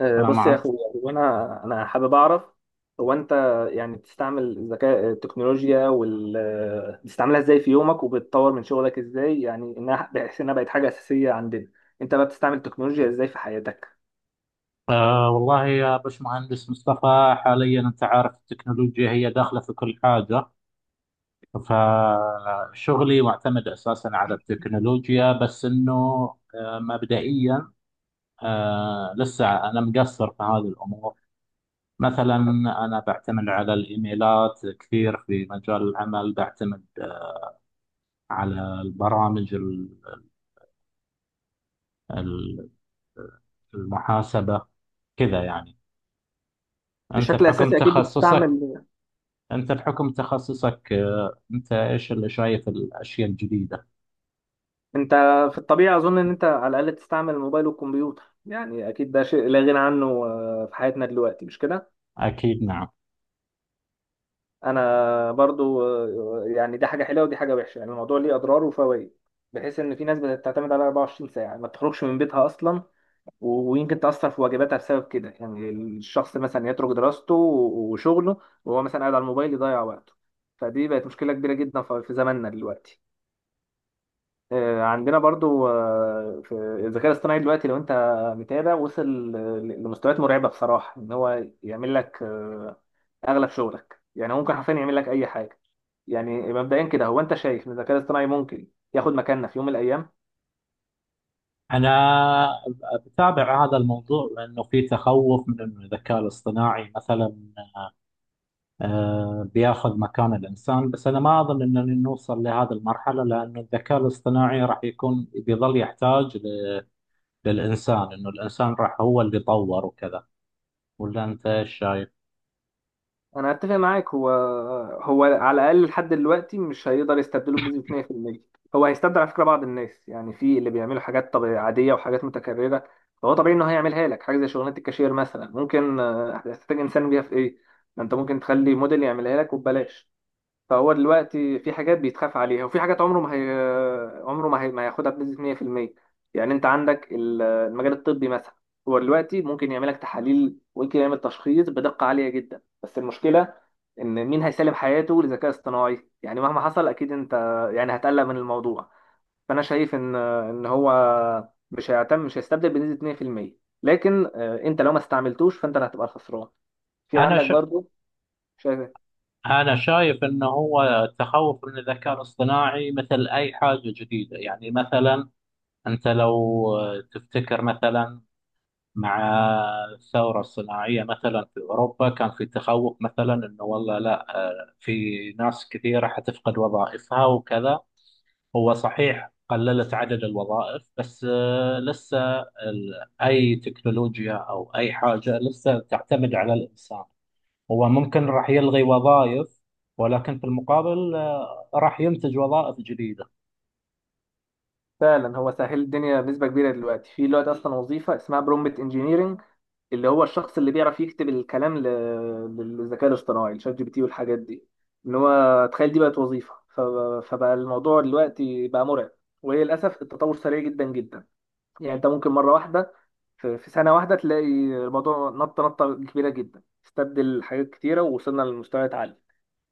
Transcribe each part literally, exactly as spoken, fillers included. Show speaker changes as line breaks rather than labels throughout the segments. آه،
السلام
بص يا
عليكم.
اخويا هو انا انا حابب اعرف هو انت. يعني بتستعمل الذكاء التكنولوجيا وال آه، بتستعملها ازاي في يومك وبتطور من شغلك ازاي، يعني انها بحيث انها بقت حاجه اساسيه عندنا. انت بقى بتستعمل التكنولوجيا ازاي في حياتك؟
آه والله يا باشمهندس مصطفى، حاليا انت عارف التكنولوجيا هي داخله في كل حاجه. فشغلي معتمد اساسا على التكنولوجيا، بس انه آه مبدئيا آه لسه انا مقصر في هذه الامور. مثلا انا بعتمد على الايميلات كثير في مجال العمل، بعتمد آه، على البرامج ال- ال- المحاسبه، كذا يعني. انت
بشكل
بحكم
اساسي اكيد
تخصصك
بتستعمل
أنت بحكم تخصصك، آه، أنت إيش اللي شايف الأشياء الجديدة؟
انت. في الطبيعه اظن ان انت على الاقل بتستعمل الموبايل والكمبيوتر، يعني اكيد ده شيء لا غنى عنه آه، في حياتنا دلوقتي، مش كده؟
أكيد، نعم.
انا برضو، آه، يعني دي حاجه حلوه ودي حاجه وحشه، يعني الموضوع ليه اضرار وفوائد. بحيث ان في ناس بتعتمد على أربعة وعشرين ساعه، يعني ما بتخرجش من بيتها اصلا و- ويمكن تاثر في واجباتها بسبب كده. يعني الشخص مثلا يترك دراسته و- وشغله وهو مثلا قاعد على الموبايل يضيع وقته. فدي بقت مشكله كبيره جدا في في زماننا دلوقتي. آه، عندنا برضو، آه، في الذكاء الاصطناعي دلوقتي، لو انت متابع، وصل ل- لمستويات مرعبه بصراحه، ان هو يعمل لك آه، اغلب شغلك. يعني هو ممكن حرفيا يعمل لك اي حاجه. يعني مبدئيا كده، هو انت شايف ان الذكاء الاصطناعي ممكن ياخد مكاننا في يوم من الايام؟
أنا بتابع هذا الموضوع، لأنه في تخوف من أن الذكاء الاصطناعي مثلا آه، بياخذ مكان الإنسان. بس أنا ما أظن أننا نوصل لهذه المرحلة، لأنه الذكاء الاصطناعي راح يكون بيظل يحتاج ل- للإنسان، أنه الإنسان راح هو اللي طور وكذا. ولا أنت إيش شايف؟
انا اتفق معاك. هو هو على الاقل لحد دلوقتي مش هيقدر يستبدله بنسبه مية في المية. هو هيستبدل على فكره بعض الناس، يعني في اللي بيعملوا حاجات طبيعية عاديه وحاجات متكرره، فهو طبيعي انه هيعملها لك. حاجه زي شغلانه الكاشير مثلا، ممكن آه، هتحتاج انسان بيها في ايه؟ ما انت ممكن تخلي موديل يعملها لك وببلاش. فهو دلوقتي في حاجات بيتخاف عليها وفي حاجات عمره ما هي... عمره ما, هي... ما هياخدها بنسبة مية في المية. يعني انت عندك ال- المجال الطبي مثلا، هو دلوقتي ممكن يعمل لك تحاليل وممكن يعمل تشخيص بدقة عالية جدا، بس المشكلة ان مين هيسلم حياته للذكاء الاصطناعي؟ يعني مهما حصل اكيد انت يعني هتقلق من الموضوع. فانا شايف ان ان هو مش هيعتمد مش هيستبدل بنسبة اتنين في المية، لكن آه، انت لو ما استعملتوش فانت اللي هتبقى الخسران. في
أنا
عندك برضو شايف.
أنا شايف إنه هو التخوف من الذكاء الاصطناعي مثل أي حاجة جديدة. يعني مثلا أنت لو تفتكر مثلا مع الثورة الصناعية مثلا في أوروبا، كان في تخوف مثلا إنه والله لا، في ناس كثيرة حتفقد وظائفها وكذا. هو صحيح قللت عدد الوظائف، بس آه، لسه ال- أي تكنولوجيا أو أي حاجة لسه تعتمد على الإنسان. هو ممكن راح يلغي وظائف، ولكن في المقابل آه، راح ينتج وظائف جديدة.
فعلا هو سهل الدنيا بنسبة كبيرة دلوقتي. في دلوقتي أصلا وظيفة اسمها برومبت انجينيرنج، اللي هو الشخص اللي بيعرف يكتب الكلام ل- للذكاء الاصطناعي، الشات جي بي تي والحاجات دي. إن هو تخيل، دي بقت وظيفة. ف- فبقى الموضوع دلوقتي بقى مرعب، وهي للأسف التطور سريع جدا جدا. يعني أنت ممكن مرة واحدة في في سنة واحدة تلاقي الموضوع نطة نطة كبيرة جدا، استبدل حاجات كتيرة ووصلنا لمستويات عالية.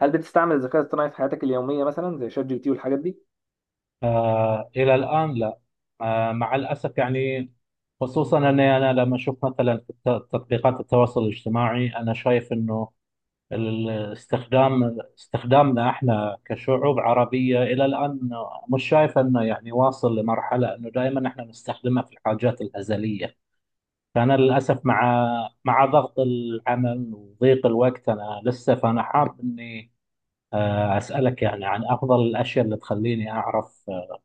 هل بتستعمل الذكاء الاصطناعي في حياتك اليومية، مثلا زي شات جي بي تي والحاجات دي؟
آه، إلى الآن لا. آه، مع الأسف يعني، خصوصا أني أنا لما أشوف مثلا في الت- تطبيقات التواصل الاجتماعي، أنا شايف أنه الاستخدام استخدامنا احنا كشعوب عربية إلى الآن، مش شايف أنه يعني واصل لمرحلة أنه دائما احنا نستخدمها في الحاجات الهزلية. فأنا للأسف مع مع ضغط العمل وضيق الوقت، أنا لسه. فأنا حاب إني آه، أسألك يعني عن أفضل الأشياء اللي تخليني أعرف آه،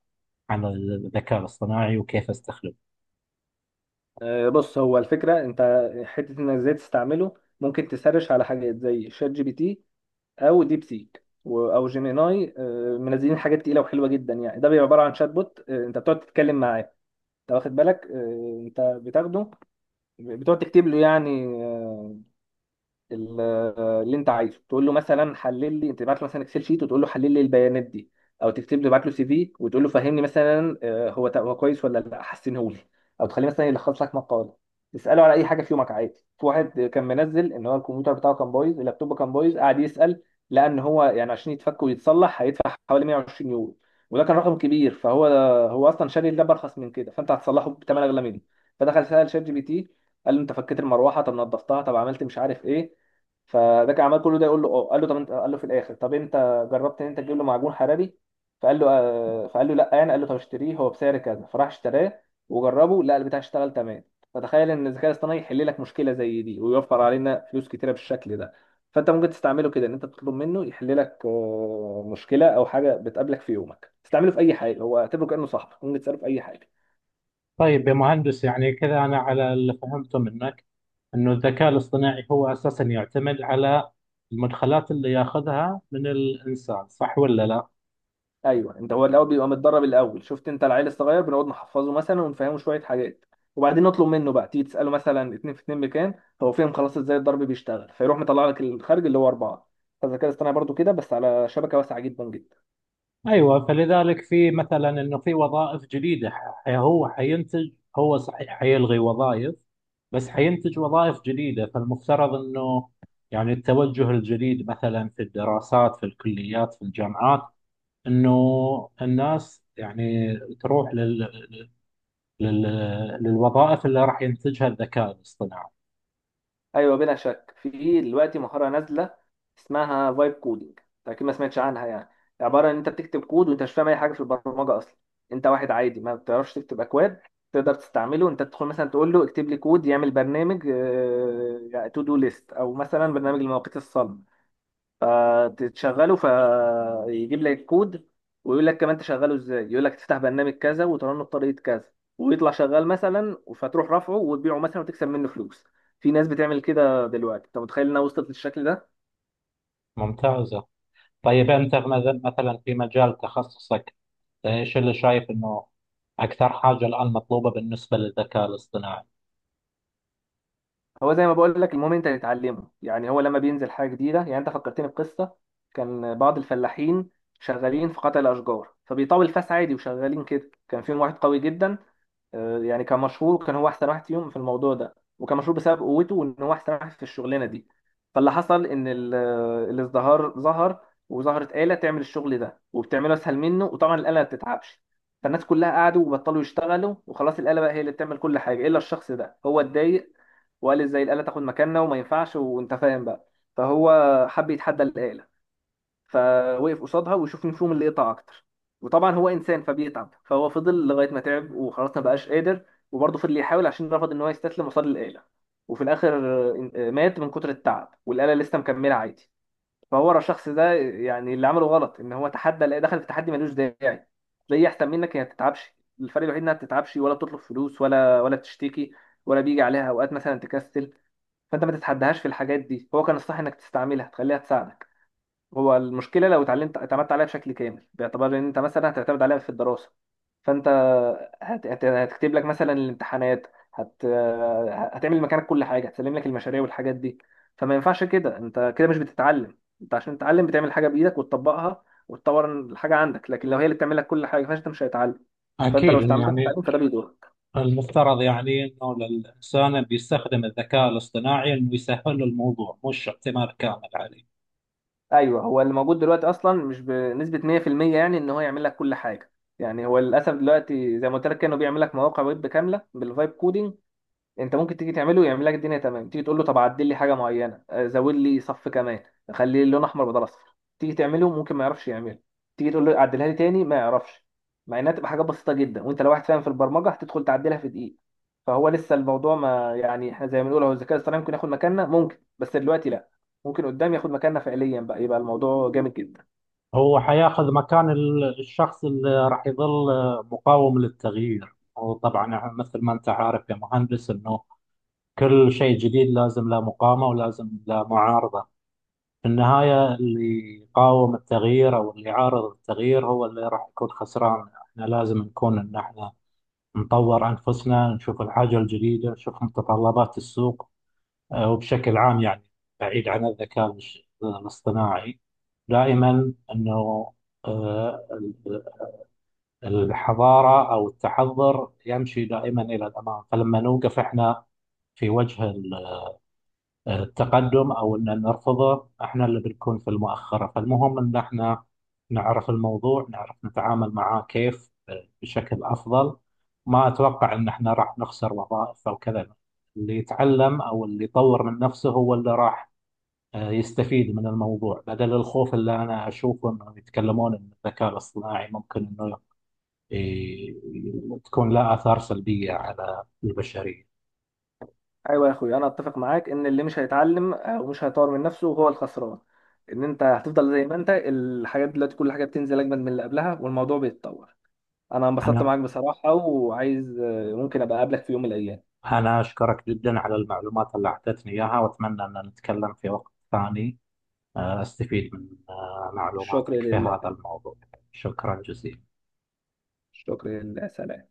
عن الذكاء الاصطناعي وكيف أستخدمه.
آه، بص، هو الفكرة انت حتة انك ازاي تستعمله. ممكن تسرش على حاجات زي شات جي بي تي او ديب سيك و- او جيميناي. آه، منزلين حاجات تقيلة وحلوة جدا. يعني ده بيبقى عبارة عن شات بوت، آه، انت بتقعد تتكلم معاه. انت واخد بالك؟ آه، انت بتاخده، بتقعد تكتب له يعني آه، ال- اللي انت عايزه. تقول له مثلا حلل لي، تبعت له مثلا اكسل شيت وتقول له حلل لي البيانات دي. او تكتب له، تبعت له سي في وتقول له فهمني مثلا، آه، هو تا- هو كويس ولا لا، حسنه لي. او تخليه مثلا يلخص لك مقاله، تساله على اي حاجه في يومك عادي. في واحد كان منزل ان هو الكمبيوتر بتاعه كان بايظ، اللابتوب كان بايظ، قعد يسال لان هو يعني عشان يتفك ويتصلح هيدفع حوالي مئة وعشرين يورو، وده كان رقم كبير. فهو هو اصلا شاري اللاب ارخص من كده، فانت هتصلحه بثمن اغلى منه. فدخل سال شات جي بي تي، قال له انت فكيت المروحه؟ طب نظفتها؟ طب عملت مش عارف ايه؟ فده كان عمال كل ده يقول له اه. قال له طب انت، قال له في الاخر، طب انت جربت ان انت تجيب له معجون حراري؟ فقال له آه. فقال له لا، يعني قال له طب اشتريه هو بسعر كذا. فراح اشتراه وجربه، لا، البتاع اشتغل تمام. فتخيل ان الذكاء الاصطناعي يحل لك مشكله زي دي ويوفر علينا فلوس كتيره بالشكل ده. فانت ممكن تستعمله كده، ان انت تطلب منه يحل لك آه، مشكله او حاجه بتقابلك في يومك. تستعمله في اي حاجه، هو اعتبره كانه صاحبك، ممكن تساله في اي حاجه.
طيب يا مهندس، يعني كذا أنا على اللي فهمته منك إنه الذكاء الاصطناعي هو أساسا يعتمد على المدخلات اللي ياخذها من الإنسان، صح ولا لا؟
ايوه انت، هو الاول بيبقى متدرب الاول. شفت انت العيل الصغير، بنقعد نحفظه مثلا ونفهمه شويه حاجات، وبعدين نطلب منه بقى. تيجي تساله مثلا اتنين في اتنين، مكان هو فهم خلاص ازاي الضرب بيشتغل، فيروح مطلع لك الخارج اللي هو اربعه. فالذكاء الاصطناعي برضو كده، بس على شبكه واسعه جدا جدا.
ايوه، فلذلك في مثلا انه في وظائف جديده، ح- هو حينتج. هو صحيح حيلغي وظائف بس حينتج وظائف جديده. فالمفترض انه يعني التوجه الجديد مثلا في الدراسات في الكليات في الجامعات، انه الناس يعني تروح لل... لل... للوظائف اللي راح ينتجها الذكاء الاصطناعي.
ايوه بلا شك، في دلوقتي مهاره نازله اسمها فايب كودينج، اكيد ما سمعتش عنها. يعني عباره ان انت بتكتب كود وانت مش فاهم اي حاجه في البرمجه اصلا، انت واحد عادي ما بتعرفش تكتب اكواد، تقدر تستعمله. انت تدخل مثلا تقول له اكتب لي كود يعمل برنامج تو دو ليست، او مثلا برنامج المواقيت الصلب، فتشغله فيجيب لك الكود، ويقول لك كمان تشغله ازاي، يقول لك تفتح برنامج كذا وترنه بطريقه كذا، ويطلع شغال مثلا. فتروح رافعه وتبيعه مثلا وتكسب منه فلوس. في ناس بتعمل كده دلوقتي، انت متخيل انها وصلت للشكل ده؟
ممتازه. طيب انت مثلا مثلاً في مجال تخصصك، ايش اللي شايف انه اكثر حاجه الان مطلوبه بالنسبه للذكاء الاصطناعي؟
هو زي ما بقول لك، المهم انت تتعلمه، يعني هو لما بينزل حاجه جديده. يعني انت فكرتني بقصه، كان بعض الفلاحين شغالين في قطع الاشجار، فبيطاول فاس عادي وشغالين كده. كان فيهم واحد قوي جدا، آه، يعني كان مشهور، كان هو احسن واحد فيهم في الموضوع ده، وكان مشهور بسبب قوته وان هو احسن واحد في الشغلانه دي. فاللي حصل ان ال- آه، الازدهار ظهر، وظهرت آلة تعمل الشغل ده وبتعمله اسهل منه، وطبعا الآلة ما بتتعبش. فالناس كلها قعدوا وبطلوا يشتغلوا وخلاص، الآلة بقى هي اللي بتعمل كل حاجه. الا الشخص ده هو اتضايق وقال ازاي الآلة تاخد مكاننا، وما ينفعش، وانت فاهم بقى. فهو حب يتحدى الآلة، فوقف قصادها ويشوف مين فيهم اللي قطع اكتر. وطبعا هو انسان فبيتعب، فهو فضل لغايه ما تعب وخلاص ما بقاش قادر، وبرضه فضل يحاول عشان رفض ان هو يستسلم قصاد الاله. وفي الاخر آه، مات من كتر التعب، والاله لسه مكمله عادي. فهو ورا الشخص ده، يعني اللي عمله غلط ان هو تحدى الاله، دخل في تحدي ملوش داعي. زي احسن منك، هي ما بتتعبش. الفرق الوحيد انها ما بتتعبش ولا بتطلب فلوس ولا ولا بتشتكي ولا بيجي عليها اوقات مثلا تكسل. فانت ما تتحدهاش في الحاجات دي، هو كان الصح انك تستعملها تخليها تساعدك. هو المشكله لو اتعلمت اعتمدت عليها بشكل كامل، باعتبار ان انت مثلا هتعتمد عليها في الدراسه. فانت هت... هت... هتكتب لك مثلا الامتحانات، هت... هتعمل مكانك كل حاجه، هتسلم لك المشاريع والحاجات دي. فما ينفعش كده، انت كده مش بتتعلم. انت عشان تتعلم بتعمل حاجه بايدك وتطبقها وتطور الحاجه عندك، لكن لو هي اللي بتعمل لك كل حاجه فانت مش هتتعلم. فانت
اكيد
لو
انه
استعملتها في
يعني
التعليم فده بيضر.
المفترض يعني انه الانسان اللي بيستخدم الذكاء الاصطناعي، انه يسهل له الموضوع مش اعتماد كامل عليه.
ايوه، هو اللي موجود دلوقتي اصلا مش بنسبه مية في المية، يعني ان هو يعمل لك كل حاجه. يعني هو للاسف دلوقتي زي ما قلت لك، كانوا بيعمل لك مواقع ويب كامله بالفايب كودينج. انت ممكن تيجي تعمله يعمل لك الدنيا تمام، تيجي تقول له طب عدل لي حاجه معينه، آه، زود لي صف كمان، خلي اللون احمر بدل اصفر، تيجي تعمله ممكن ما يعرفش يعمله، تيجي تقول له عدلها لي تاني ما يعرفش. مع انها تبقى حاجات بسيطه جدا، وانت لو واحد فاهم في البرمجه هتدخل تعدلها في دقيقه. فهو لسه الموضوع ما يعني، احنا زي ما بنقول، هو الذكاء الاصطناعي ممكن ياخد مكاننا، ممكن، بس دلوقتي لا. ممكن قدام ياخد مكاننا فعليا، بقى يبقى الموضوع جامد جدا.
هو حياخذ مكان ال- الشخص اللي راح يظل مقاوم للتغيير. وطبعا يعني مثل ما انت عارف يا مهندس، انه كل شيء جديد لازم له مقاومه ولازم له معارضه. في النهاية اللي يقاوم التغيير أو اللي يعارض التغيير هو اللي راح يكون خسران. احنا لازم نكون إن احنا نطور أنفسنا، نشوف الحاجة الجديدة، نشوف متطلبات السوق. آه، وبشكل عام يعني بعيد عن الذكاء الاش- الاصطناعي، دائما أنه آه، ال- الحضارة أو التحضر يمشي دائما إلى الأمام. فلما نوقف احنا في وجه التقدم او ان نرفضه، احنا اللي بنكون في المؤخره. فالمهم ان احنا نعرف الموضوع، نعرف نتعامل معاه كيف آه، بشكل افضل. ما اتوقع ان احنا راح نخسر وظائف او كذا. اللي يتعلم او اللي يطور من نفسه هو اللي راح آه، يستفيد من الموضوع، بدل الخوف اللي انا اشوفه انه يتكلمون ان الذكاء الاصطناعي ممكن انه ي- ي- تكون له اثار سلبيه على البشريه.
ايوه يا اخوي، انا اتفق معاك ان اللي مش هيتعلم او مش هيطور من نفسه هو الخسران. ان انت هتفضل زي ما انت، الحاجات دلوقتي كل حاجه بتنزل اجمد من اللي قبلها والموضوع بيتطور. انا انبسطت
انا
معاك بصراحه، وعايز ممكن ابقى اقابلك في يوم من الايام.
أنا أشكرك جدا على المعلومات اللي أعطيتني إياها، وأتمنى أن نتكلم في وقت ثاني آه، أستفيد من آه،
الشكر
معلوماتك في
لله.
هذا الموضوع. شكرا جزيلا.
الشكر لله، سلام.